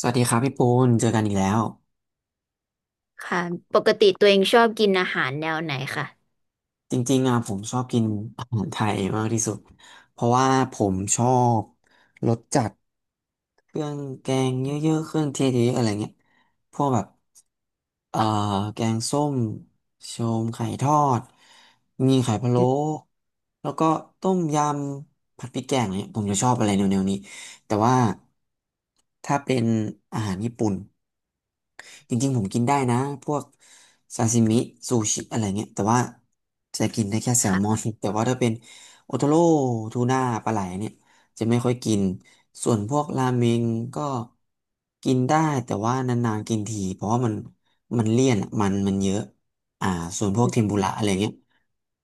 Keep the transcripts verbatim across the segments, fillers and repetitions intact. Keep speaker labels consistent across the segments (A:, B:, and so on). A: สวัสดีครับพี่ปูนเจอกันอีกแล้ว
B: ค่ะปกติตัวเองชอบกินอาหารแนวไหนคะ
A: จริงๆอ่ะผมชอบกินอาหารไทยมากที่สุดเพราะว่าผมชอบรสจัดเครื่องแกงเยอะๆ เครื่องเทศเยอะๆอะไรเงี้ยพวกแบบเอ่อแกงส้มโชมไข่ทอดมีไข่พะโล้
B: อืม
A: แล้วก็ต้มยำผัดพริกแกงอะไรเนี่ยผมจะชอบอะไรแนวๆนี้แต่ว่าถ้าเป็นอาหารญี่ปุ่น จริงๆผมกินได้นะพวกซาซิมิซูชิอะไรเงี้ยแต่ว่าจะกินได้แค่แซลมอ
B: ค่ะ
A: น แต่ว่าถ้าเป็นโอโทโร่ทูน่าปลาไหลเนี่ยจะไม่ค่อยกินส่วนพวกราเมงก็กินได้แต่ว่านานๆกินทีเพราะว่ามันมันเลี่ยนอะมันมันเยอะอ่าส่วนพวกเทมปุระอะไรเงี้ย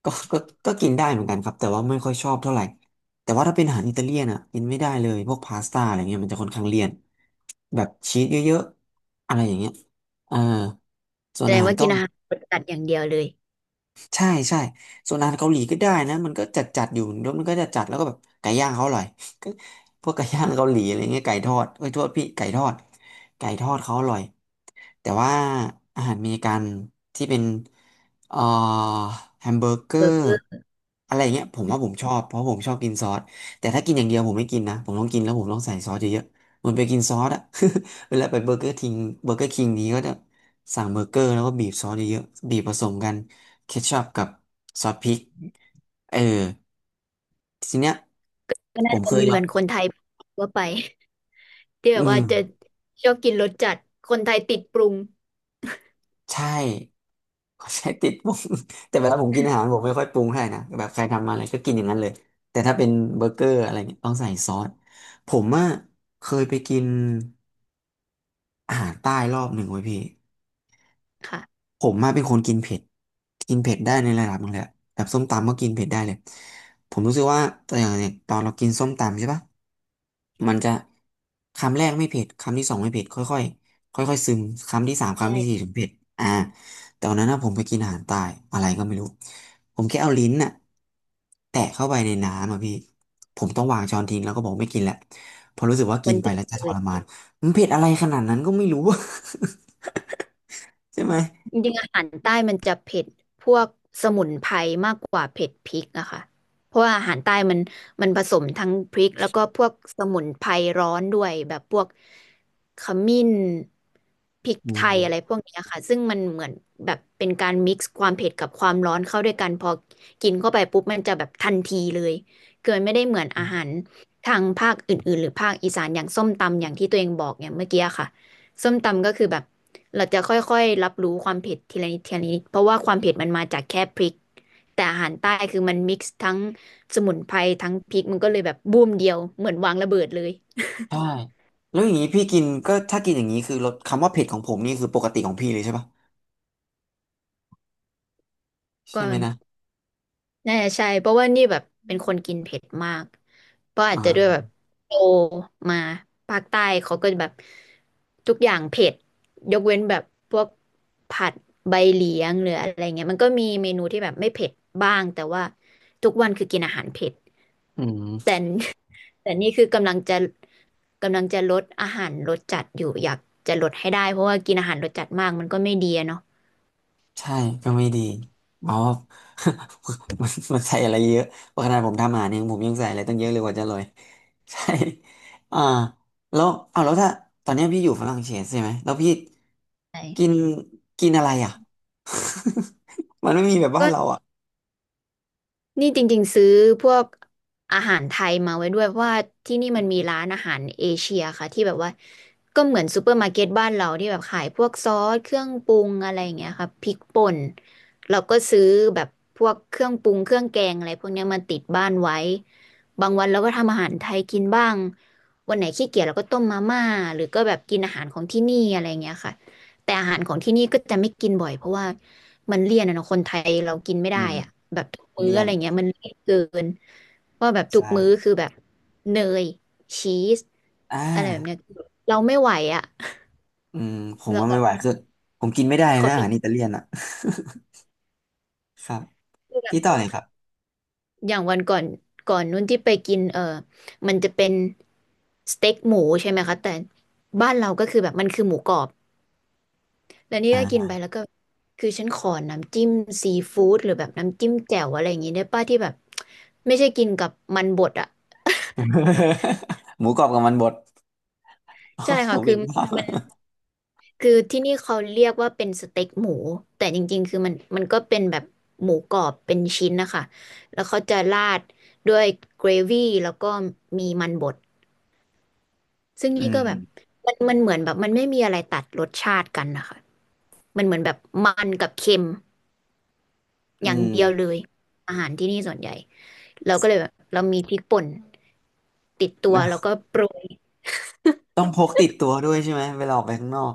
A: ก็ก็ก็กินได้เหมือนกันครับแต่ว่าไม่ค่อยชอบเท่าไหร่แต่ว่าถ้าเป็นอาหารอิตาเลียนอ่ะกินไม่ได้เลยพวกพาสต้าอะไรเงี้ยมันจะค่อนข้างเลี่ยน แบบชีสเยอะๆอะไรอย่างเงี้ยเออส่
B: แส
A: วน
B: ด
A: อา
B: ง
A: หาร
B: ว่ากิ
A: เกา
B: น
A: ห
B: อา
A: ลี
B: หารรสจัดอย่างเดียวเลย
A: ใช่ใช่ส่วนอาหารเกาหลีก็ได้นะมันก็จัดจัดอยู่แล้วมันก็จะจัดแล้วก็แบบไก่ย่างเขาอร่อย ก็พวกไก่ย่างเกาหลีอะไรเงี้ยไก่ทอดเอ้ยโทษพี่ไก่ทอดไก่ทอดเขาอร่อย แต่ว่าอาหารอเมริกันที่เป็นเอ่อแฮมเบอร์เกอ
B: เบอร์
A: ร์
B: เกอร์
A: อะไรอย่างเงี้ยผมว่าผมชอบเพราะผมชอบกินซอสแต่ถ้ากินอย่างเดียวผมไม่กินนะผมต้องกินแล้วผมต้องใส่ซอสเยอะๆเหมือนไปกินซอสอะ เวลาไปเบอร์เกอร์ทิงเบอร์เกอร์คิงนี้ก็จะสั่งเบอร์เกอร์แล้วก็บีบซอสเยอะๆบีบผสมกันเคชัพกับซอสพริกเออทีเนี้ย
B: ก็
A: ผ
B: น่า
A: ม
B: จะ
A: เคย
B: เห
A: ล
B: มื
A: อ
B: อ
A: ง
B: นคนไทยทั่วไป ที่แบ
A: อื
B: บ
A: ม
B: ว่าจะชอบกินรสจัดคนไทยติดปรุง
A: ใช่ ขใช้ติดปรุง แต่เวลาผมกินอาหารผมไม่ค่อยปรุงให้นะแบบใครทำมาอะไรก็กินอย่างนั้นเลยแต่ถ้าเป็นเบอร์เกอร์อะไรเนี่ยต้องใส่ซอสผมอ่ะเคยไปกินอาหารใต้รอบหนึ่งไว้ยพี่
B: ค่ะ
A: ผมมาเป็นคนกินเผ็ดกินเผ็ดได้ในระดับหนึงเลยอะแบบส้มตำก็กินเผ็ดได้เลยผมรู้สึกว่าแต่อย่างเนี่ยตอนเรากินส้มตำใช่ปะ มันจะคำแรกไม่เผ็ดคำที่สองไม่เผ็ดค่อยๆค่อยๆซึมคำที่สามคำที่สี่
B: ใช่
A: ถึงเผ็ดอ่าแต่วันนั้นนะผมไปกินอาหารใตายอะไรก็ไม่รู้ผมแค่เอาลิ้นน่ะแตะเข้าไปในน้ำอ่ะพี่ผมต้องวางช้อนทิ้งแล้วก็บอกไม่กินและเพราะรู้สึกว่ากิ
B: มั
A: น
B: น
A: ไป
B: เผ็ด
A: แล้วจะท
B: เลย
A: รมานมันเผ็ดอะไรขนาดนั้นก็ไม่รู้ ใช่ไหม
B: จริงๆอาหารใต้มันจะเผ็ดพวกสมุนไพรมากกว่าเผ็ดพริกอะค่ะเพราะว่าอาหารใต้มันมันผสมทั้งพริกแล้วก็พวกสมุนไพรร้อนด้วยแบบพวกขมิ้นพริก
A: อื
B: ไทย
A: ม
B: อะไรพวกเนี้ยค่ะซึ่งมันเหมือนแบบเป็นการมิกซ์ความเผ็ดกับความร้อนเข้าด้วยกันพอกินเข้าไปปุ๊บมันจะแบบทันทีเลยคือมันไม่ได้เหมือนอาหารทางภาคอื่นๆหรือภาคอีสานอย่างส้มตำอย่างที่ตัวเองบอกเนี่ยเมื่อกี้ค่ะ ส้มตำก็คือแบบเราจะค่อยๆรับรู้ความเผ็ดทีละนิดทีละนิดเพราะว่าความเผ็ดมันมาจากแค่พริกแต่อาหารใต้คือมันมิกซ์ทั้งสมุนไพรทั้งพริกมันก็เลยแบบบูมเดียวเหมือนวางระเบิดเลย
A: ใช่แล้วอย่างนี้พี่กินก็ถ้ากินอย่างนี้คือรสคำว่าเผ็ดของผมนี่คือปกติของพี่เลยใช่ปะ
B: ก็
A: ใช่ไหมนะ
B: น่าจะใช่เพราะว่านี่แบบเป็นคนกินเผ็ดมากเพราะ
A: อ่
B: อาจจะด้วยแบบ
A: า
B: โตมาภาคใต้เขาก็แบบทุกอย่างเผ็ดยกเว้นแบบพวกผัดใบเหลียงหรืออะไรเงี้ยมันก็มีเมนูที่แบบไม่เผ็ดบ้างแต่ว่าทุกวันคือกินอาหารเผ็ด
A: อืม
B: แต่แต่นี่คือกำลังจะกำลังจะลดอาหารรสจัดอยู่อยากจะลดให้ได้เพราะว่ากินอาหารรสจัดมากมันก็ไม่ดีอะเนาะ
A: ใช่ก็ไม่ดีเพราะ ว่า มันมันใส่อะไรเยอะเพราะขนาดผมทำอาหารเองผมยังใส่อะไรตั้งเยอะเลยกว่าจะอรย ใช่อ่าแล้วเอาแล้วถ้าตอนเนี้ยพี่อยู่ฝรั่งเศสใช่ไหมแล้วพี่
B: ใช่
A: กินกินอะไรอ่ะ มันไม่มีแบบบ้า
B: ก็
A: นเราอ่ะ
B: นี่จริงๆซื้อพวกอาหารไทยมาไว้ด้วยเพราะว่าที่นี่มันมีร้านอาหารเอเชียค่ะที่แบบว่าก็เหมือนซูเปอร์มาร์เก็ตบ้านเราที่แบบขายพวกซอสเครื่องปรุงอะไรอย่างเงี้ยค่ะพริกป่นเราก็ซื้อแบบพวกเครื่องปรุงเครื่องแกงอะไรพวกเนี้ยมาติดบ้านไว้บางวันเราก็ทำอาหารไทยกินบ้างวันไหนขี้เกียจเราก็ต้มมาม่าหรือก็แบบกินอาหารของที่นี่อะไรอย่างเงี้ยค่ะ แต่อาหารของที่นี่ก็จะไม่กินบ่อยเพราะว่ามันเลี่ยนอะเนาะคนไทยเรากินไม่
A: อื
B: ได้
A: ม
B: อะแบบทุกมื้อ
A: เลีย
B: อะ
A: น
B: ไรเงี้ยมันเลี่ยนเกินว่าแบบทุกมื้อ
A: ใช่
B: คือแบบเนยชีส
A: อ่
B: อะไรแบบเนี้ย
A: า
B: เราไม่ไหวอะ
A: อืมผม
B: เรา
A: ว่า
B: แบ
A: ไม่
B: บ
A: ไหวคือผมกินไม่ได้
B: ขอ
A: นะอา
B: ปิ
A: หาร
B: ด
A: อิตาเลียนอ่ะ ครับ
B: เรื่อง
A: ที่ต่อเลยครับ
B: อย่างวันก่อนก่อนนู้นที่ไปกินเออมันจะเป็นสเต็กหมูใช่ไหมคะแต่บ้านเราก็คือแบบมันคือหมูกรอบ แล้วนี่ก็กิน
A: อ่า
B: ไปแล้วก็คือฉันขอน้ำจิ้มซีฟู้ดหรือแบบน้ำจิ้มแจ่วอะไรอย่างงี้ได้ป้าที่แบบไม่ใช่กินกับมันบดอ่ะ
A: หมูกรอบกับมันบด โอ้
B: ใช่
A: ยผ
B: ค่ะ
A: ม
B: คือ
A: เห็นภา
B: มัน
A: พ
B: คือที่นี่เขาเรียกว่าเป็นสเต็กหมูแต่จริงๆคือมันมันก็เป็นแบบหมูกรอบเป็นชิ้นนะคะแล้วเขาจะราดด้วยเกรวี่แล้วก็มีมันบดซึ่ง
A: อื
B: นี่ก็แบบ
A: ม
B: มันมันเหมือนแบบมันไม่มีอะไรตัดรสชาติกันนะคะมันเหมือนแบบมันกับเค็ม
A: อื
B: อย่าง
A: ม
B: เดียวเลยอาหารที่นี่ส่วนใหญ่ เราก็เลยแบบเรามีพริกป่นติดตัว
A: นะ
B: แล้วก็โปรย
A: ต้องพกติดตัวด้วยใช่ไหมเวลาออกไปข้างนอก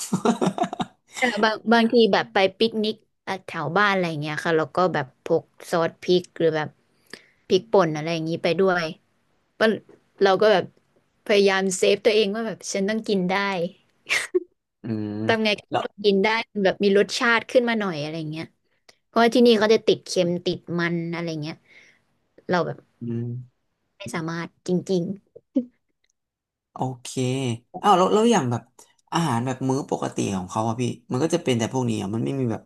B: แต่บางบางทีแบบไปปิกนิกอ่ะแถวบ้านอะไรอย่างเงี้ยค่ะเราก็แบบพกซอสพริกหรือแบบพริกป่นอะไรอย่างงี้ไปด้วยก็เราก็แบบพยายามเซฟตัวเองว่าแบบฉันต้องกินได้
A: อืม
B: ทำไง
A: แล้ว
B: ก็กินได้แบบมีรสชาติขึ้นมาหน่อยอะไรอย่างเงี้ยเพราะว่าที่นี่เขาจะติดเค็มติดมันอะไรเงี้ยเราแบบ
A: อืม
B: ไม่สามารถจริง
A: โอเคอ้าวแล้วแล้วอย่างแบบอาหารแบบมื้อปกติของเขาอะพี่มันก็จะเป็นแต่พวกนี้อะมันไม่มีแบบ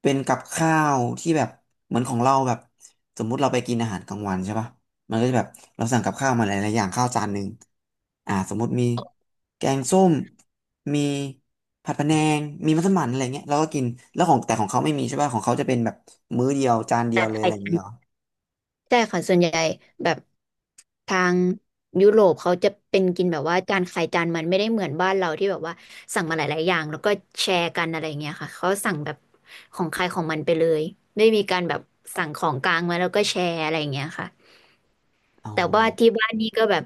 A: เป็นกับข้าวที่แบบเหมือนของเราแบบสมมุติเราไปกินอาหารกลางวันใช่ปะมันก็จะแบบเราสั่งกับข้าวมาหลายๆอย่างข้าวจานหนึ่งอ่าสมมุติมีแกงส้มมีผัดพะแนงมีมัสมั่นอะไรเงี้ยเราก็กินแล้วของแต่ของเขาไม่มีใช่ปะของเขาจะเป็นแบบมื้อเดียวจาน
B: ๆ
A: เดีย
B: แต่
A: วเล
B: ไท
A: ยอะ
B: ย
A: ไรอย่างเงี้ยเหรอ
B: ใช่ค่ะส่วนใหญ่แบบทางยุโรปเขาจะเป็นกินแบบว่าจานใครจานมันไม่ได้เหมือนบ้านเราที่แบบว่าสั่งมาหลายๆอย่างแล้วก็แชร์กันอะไรเงี้ยค่ะเขาสั่งแบบของใครของมันไปเลยไม่มีการแบบสั่งของกลางมาแล้วก็แชร์อะไรเงี้ยค่ะ
A: อ๋อ
B: แต่ว่าที่บ้านนี่ก็แบบ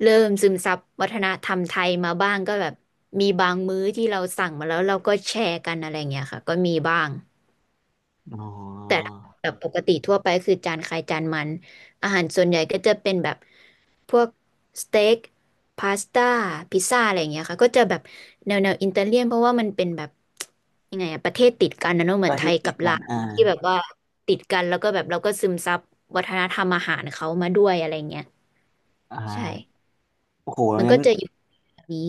B: เริ่มซึมซับวัฒนธรรมไทยมาบ้างก็แบบมีบางมื้อที่เราสั่งมาแล้วเราก็แชร์กันอะไรเงี้ยค่ะก็มีบ้าง
A: อ๋
B: แต่
A: อ
B: ถ้าแบบปกติทั่วไปคือจานใครจานมันอาหารส่วนใหญ่ก็จะเป็นแบบพวกสเต็กพาสต้าพิซซ่าอะไรอย่างเงี้ยค่ะก็จะแบบแนวแนวอิตาเลียนเพราะว่ามันเป็นแบบยังไงอะประเทศติดกันนะเนอะเหมื
A: ก็
B: อนไท
A: ที่
B: ย
A: ติ
B: กั
A: ด
B: บ
A: กั
B: ลา
A: น
B: ว
A: อ่า
B: ที่แบบว่าติดกันแล้วก็แบบเราก็ซึมซับวัฒนธรรมอาหารเขามาด้วยอะไรเงี้ย
A: อ่
B: ใช่
A: าโอ้โห
B: มัน
A: งั้
B: ก็
A: น
B: จะอยู่แบบนี้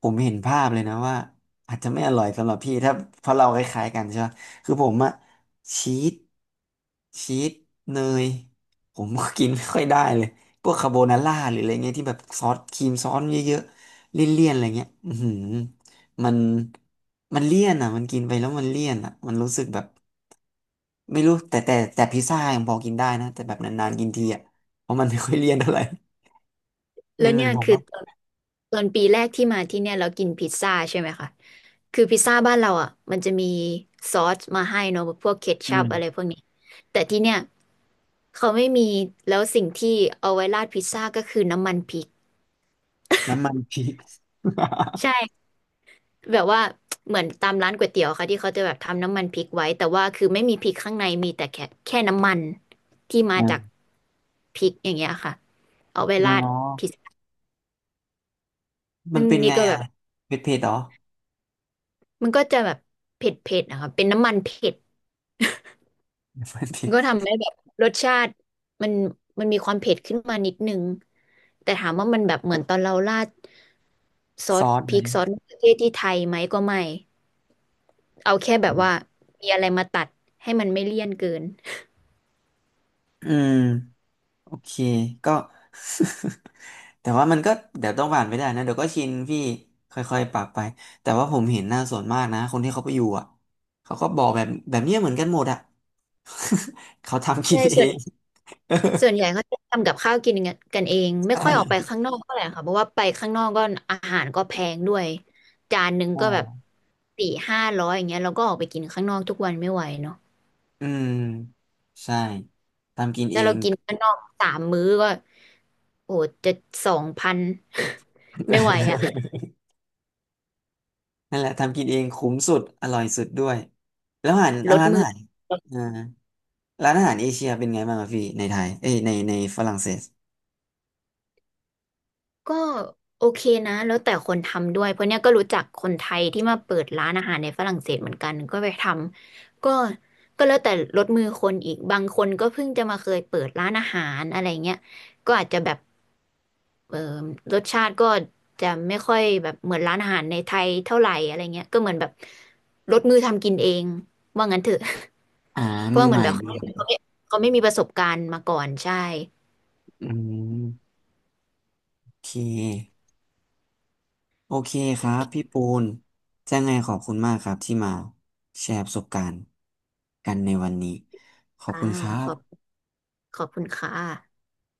A: ผมเห็นภาพเลยนะว่าอาจจะไม่อร่อยสำหรับพี่ถ้าเพราะเราคล้ายๆกันใช่ไหมคือผมอะชีสชีสเนยผมก็กินไม่ค่อยได้เลยพวกคาโบนาร่าหรืออะไรเงี้ยที่แบบซอสครีมซอสเยอะๆเลี่ยนๆอะไรเงี้ยอือหือมันมันเลี่ยนอะมันกินไปแล้วมันเลี่ยนอะมันรู้สึกแบบไม่รู้แต่แต่แต่พิซซ่ายังพอกินได้นะแต่แบบนานๆกินทีอะเพราะมันไม่ค่อยเลี่ยนเท่าไหร่
B: แล้
A: เป็
B: ว
A: นเหมื
B: เนี่
A: อน
B: ย
A: ผม
B: คือ
A: อ่ะ
B: ตอนตอนปีแรกที่มาที่เนี่ยเรากินพิซซ่าใช่ไหมคะ คือพิซซ่าบ้านเราอ่ะมันจะมีซอสมาให้เนอะพวกเค
A: อื
B: ชัพอะไรพ
A: ม
B: วกนี้แต่ที่เนี่ยเขาไม่มีแล้วสิ่งที่เอาไว้ราดพิซซ่าก็คือน้ำมันพริก
A: น้ำมัน พริก
B: ใช่แบบว่าเหมือนตามร้านก๋วยเตี๋ยวค่ะที่เขาจะแบบทำน้ำมันพริกไว้แต่ว่าคือไม่มีพริกข้างในมีแต่แค่แค่น้ำมันที่มาจาก พริกอย่างเงี้ยค่ะเอาไว้
A: อ๋อ
B: ราดพิซซ่า
A: มัน
B: ซึ่ง
A: เป็น
B: นี่
A: ไง
B: ก็แบ
A: อ่ะ
B: บ
A: เผ็ดเผ็ดเหรอ
B: มันก็จะแบบเผ็ดๆนะคะเป็นน้ำมันเผ็ด
A: มันเผ็
B: ก็
A: ด
B: ทำให้แบบรสชาติมันมันมีความเผ็ดขึ้นมานิดนึงแต่ถามว่ามันแบบเหมือนตอนเราราดซอ
A: ซ
B: ส
A: อส
B: พ
A: ไหม
B: ริกซอสมะเขือเทศที่ไทยไหมก็ไม่เอาแค่แบ
A: อื
B: บว่า
A: ม
B: มีอะไรมาตัดให้มันไม่เลี่ยนเกิน
A: อืมโอเคก็ แต่ว่ามันก็เดี๋ยวต้องผ่านไปได้นะเดี๋ยวก็ชินพี่ค่อยๆปรับไปแต่ว่าผมเห็นหน้าส่วนมากนะคนที่เขาไปอยู่อ่ะเขาก็บอกแบบแบบเนี้ยเหมือนกันหมดอ่ะ เขาทำกิ
B: ใช่
A: นเอ
B: ส่วน
A: ง
B: ส่วนใหญ่ เขาจะทำกับข้าวกินกันกันเอง
A: ใ
B: ไม่ค่อยออกไป
A: ช่
B: ข้างนอกเท่าไหร่ค่ะเพราะว่าไปข้างนอกก็อาหารก็แพงด้วยจานหนึ่งก็แบบ
A: อ่า
B: สี่ห้าร้อยอย่างเงี้ยเราก็ออกไปกินข้างนอกทุกวันไม่ไหวเนาะ
A: อืมใช่ทำกิน
B: แต่
A: เอ
B: เรา
A: ง
B: กินข้างนอกสามมื้อก็โอ้โหจะสองพัน ไม่ไหวอะ
A: นั่นแหละทำกินเองคุ้มสุดอร่อยสุดด้วยแล้วอาหาร
B: ล
A: อ่ะ
B: ด
A: ร้าน
B: มื
A: อา
B: อ
A: หารอ่าร้านอาหารเอเชียเป็นไงบ้างอะพี่ในไทยเอ้ยในในฝรั่งเศส
B: ก็โอเคนะแล้วแต่คนทำด้วยเพราะเนี้ยก็รู้จักคนไทยที่มาเปิดร้านอาหารในฝรั่งเศสเหมือนกันก็ไปทำก็ก็แล้วแต่ลดมือคนอีกบางคนก็เพิ่งจะมาเคยเปิดร้านอาหารอะไรเงี้ยก็อาจจะแบบเออรสชาติก็จะไม่ค่อยแบบเหมือนร้านอาหารในไทยเท่าไหร่อะไรเงี้ยก็เหมือนแบบลดมือทำกินเองว่างั้นเถอะ
A: อ่า
B: เพื่
A: มื
B: อ
A: อ
B: เหมื
A: ให
B: อน
A: ม่
B: แบบ
A: มือ
B: เขา
A: ให
B: เขา
A: ม่
B: ไม่เขาไม่มีประสบการณ์มาก่อนใช่
A: อืมโอเคโอเคค
B: โอ
A: รับ
B: เค
A: พี่ปูนจะไงขอบคุณมากครับที่มาแชร์ประสบการณ์กันในวันนี้ขอบ
B: ค่ะ
A: คุณครั
B: ขอบ
A: บ
B: ขอบคุณค่ะ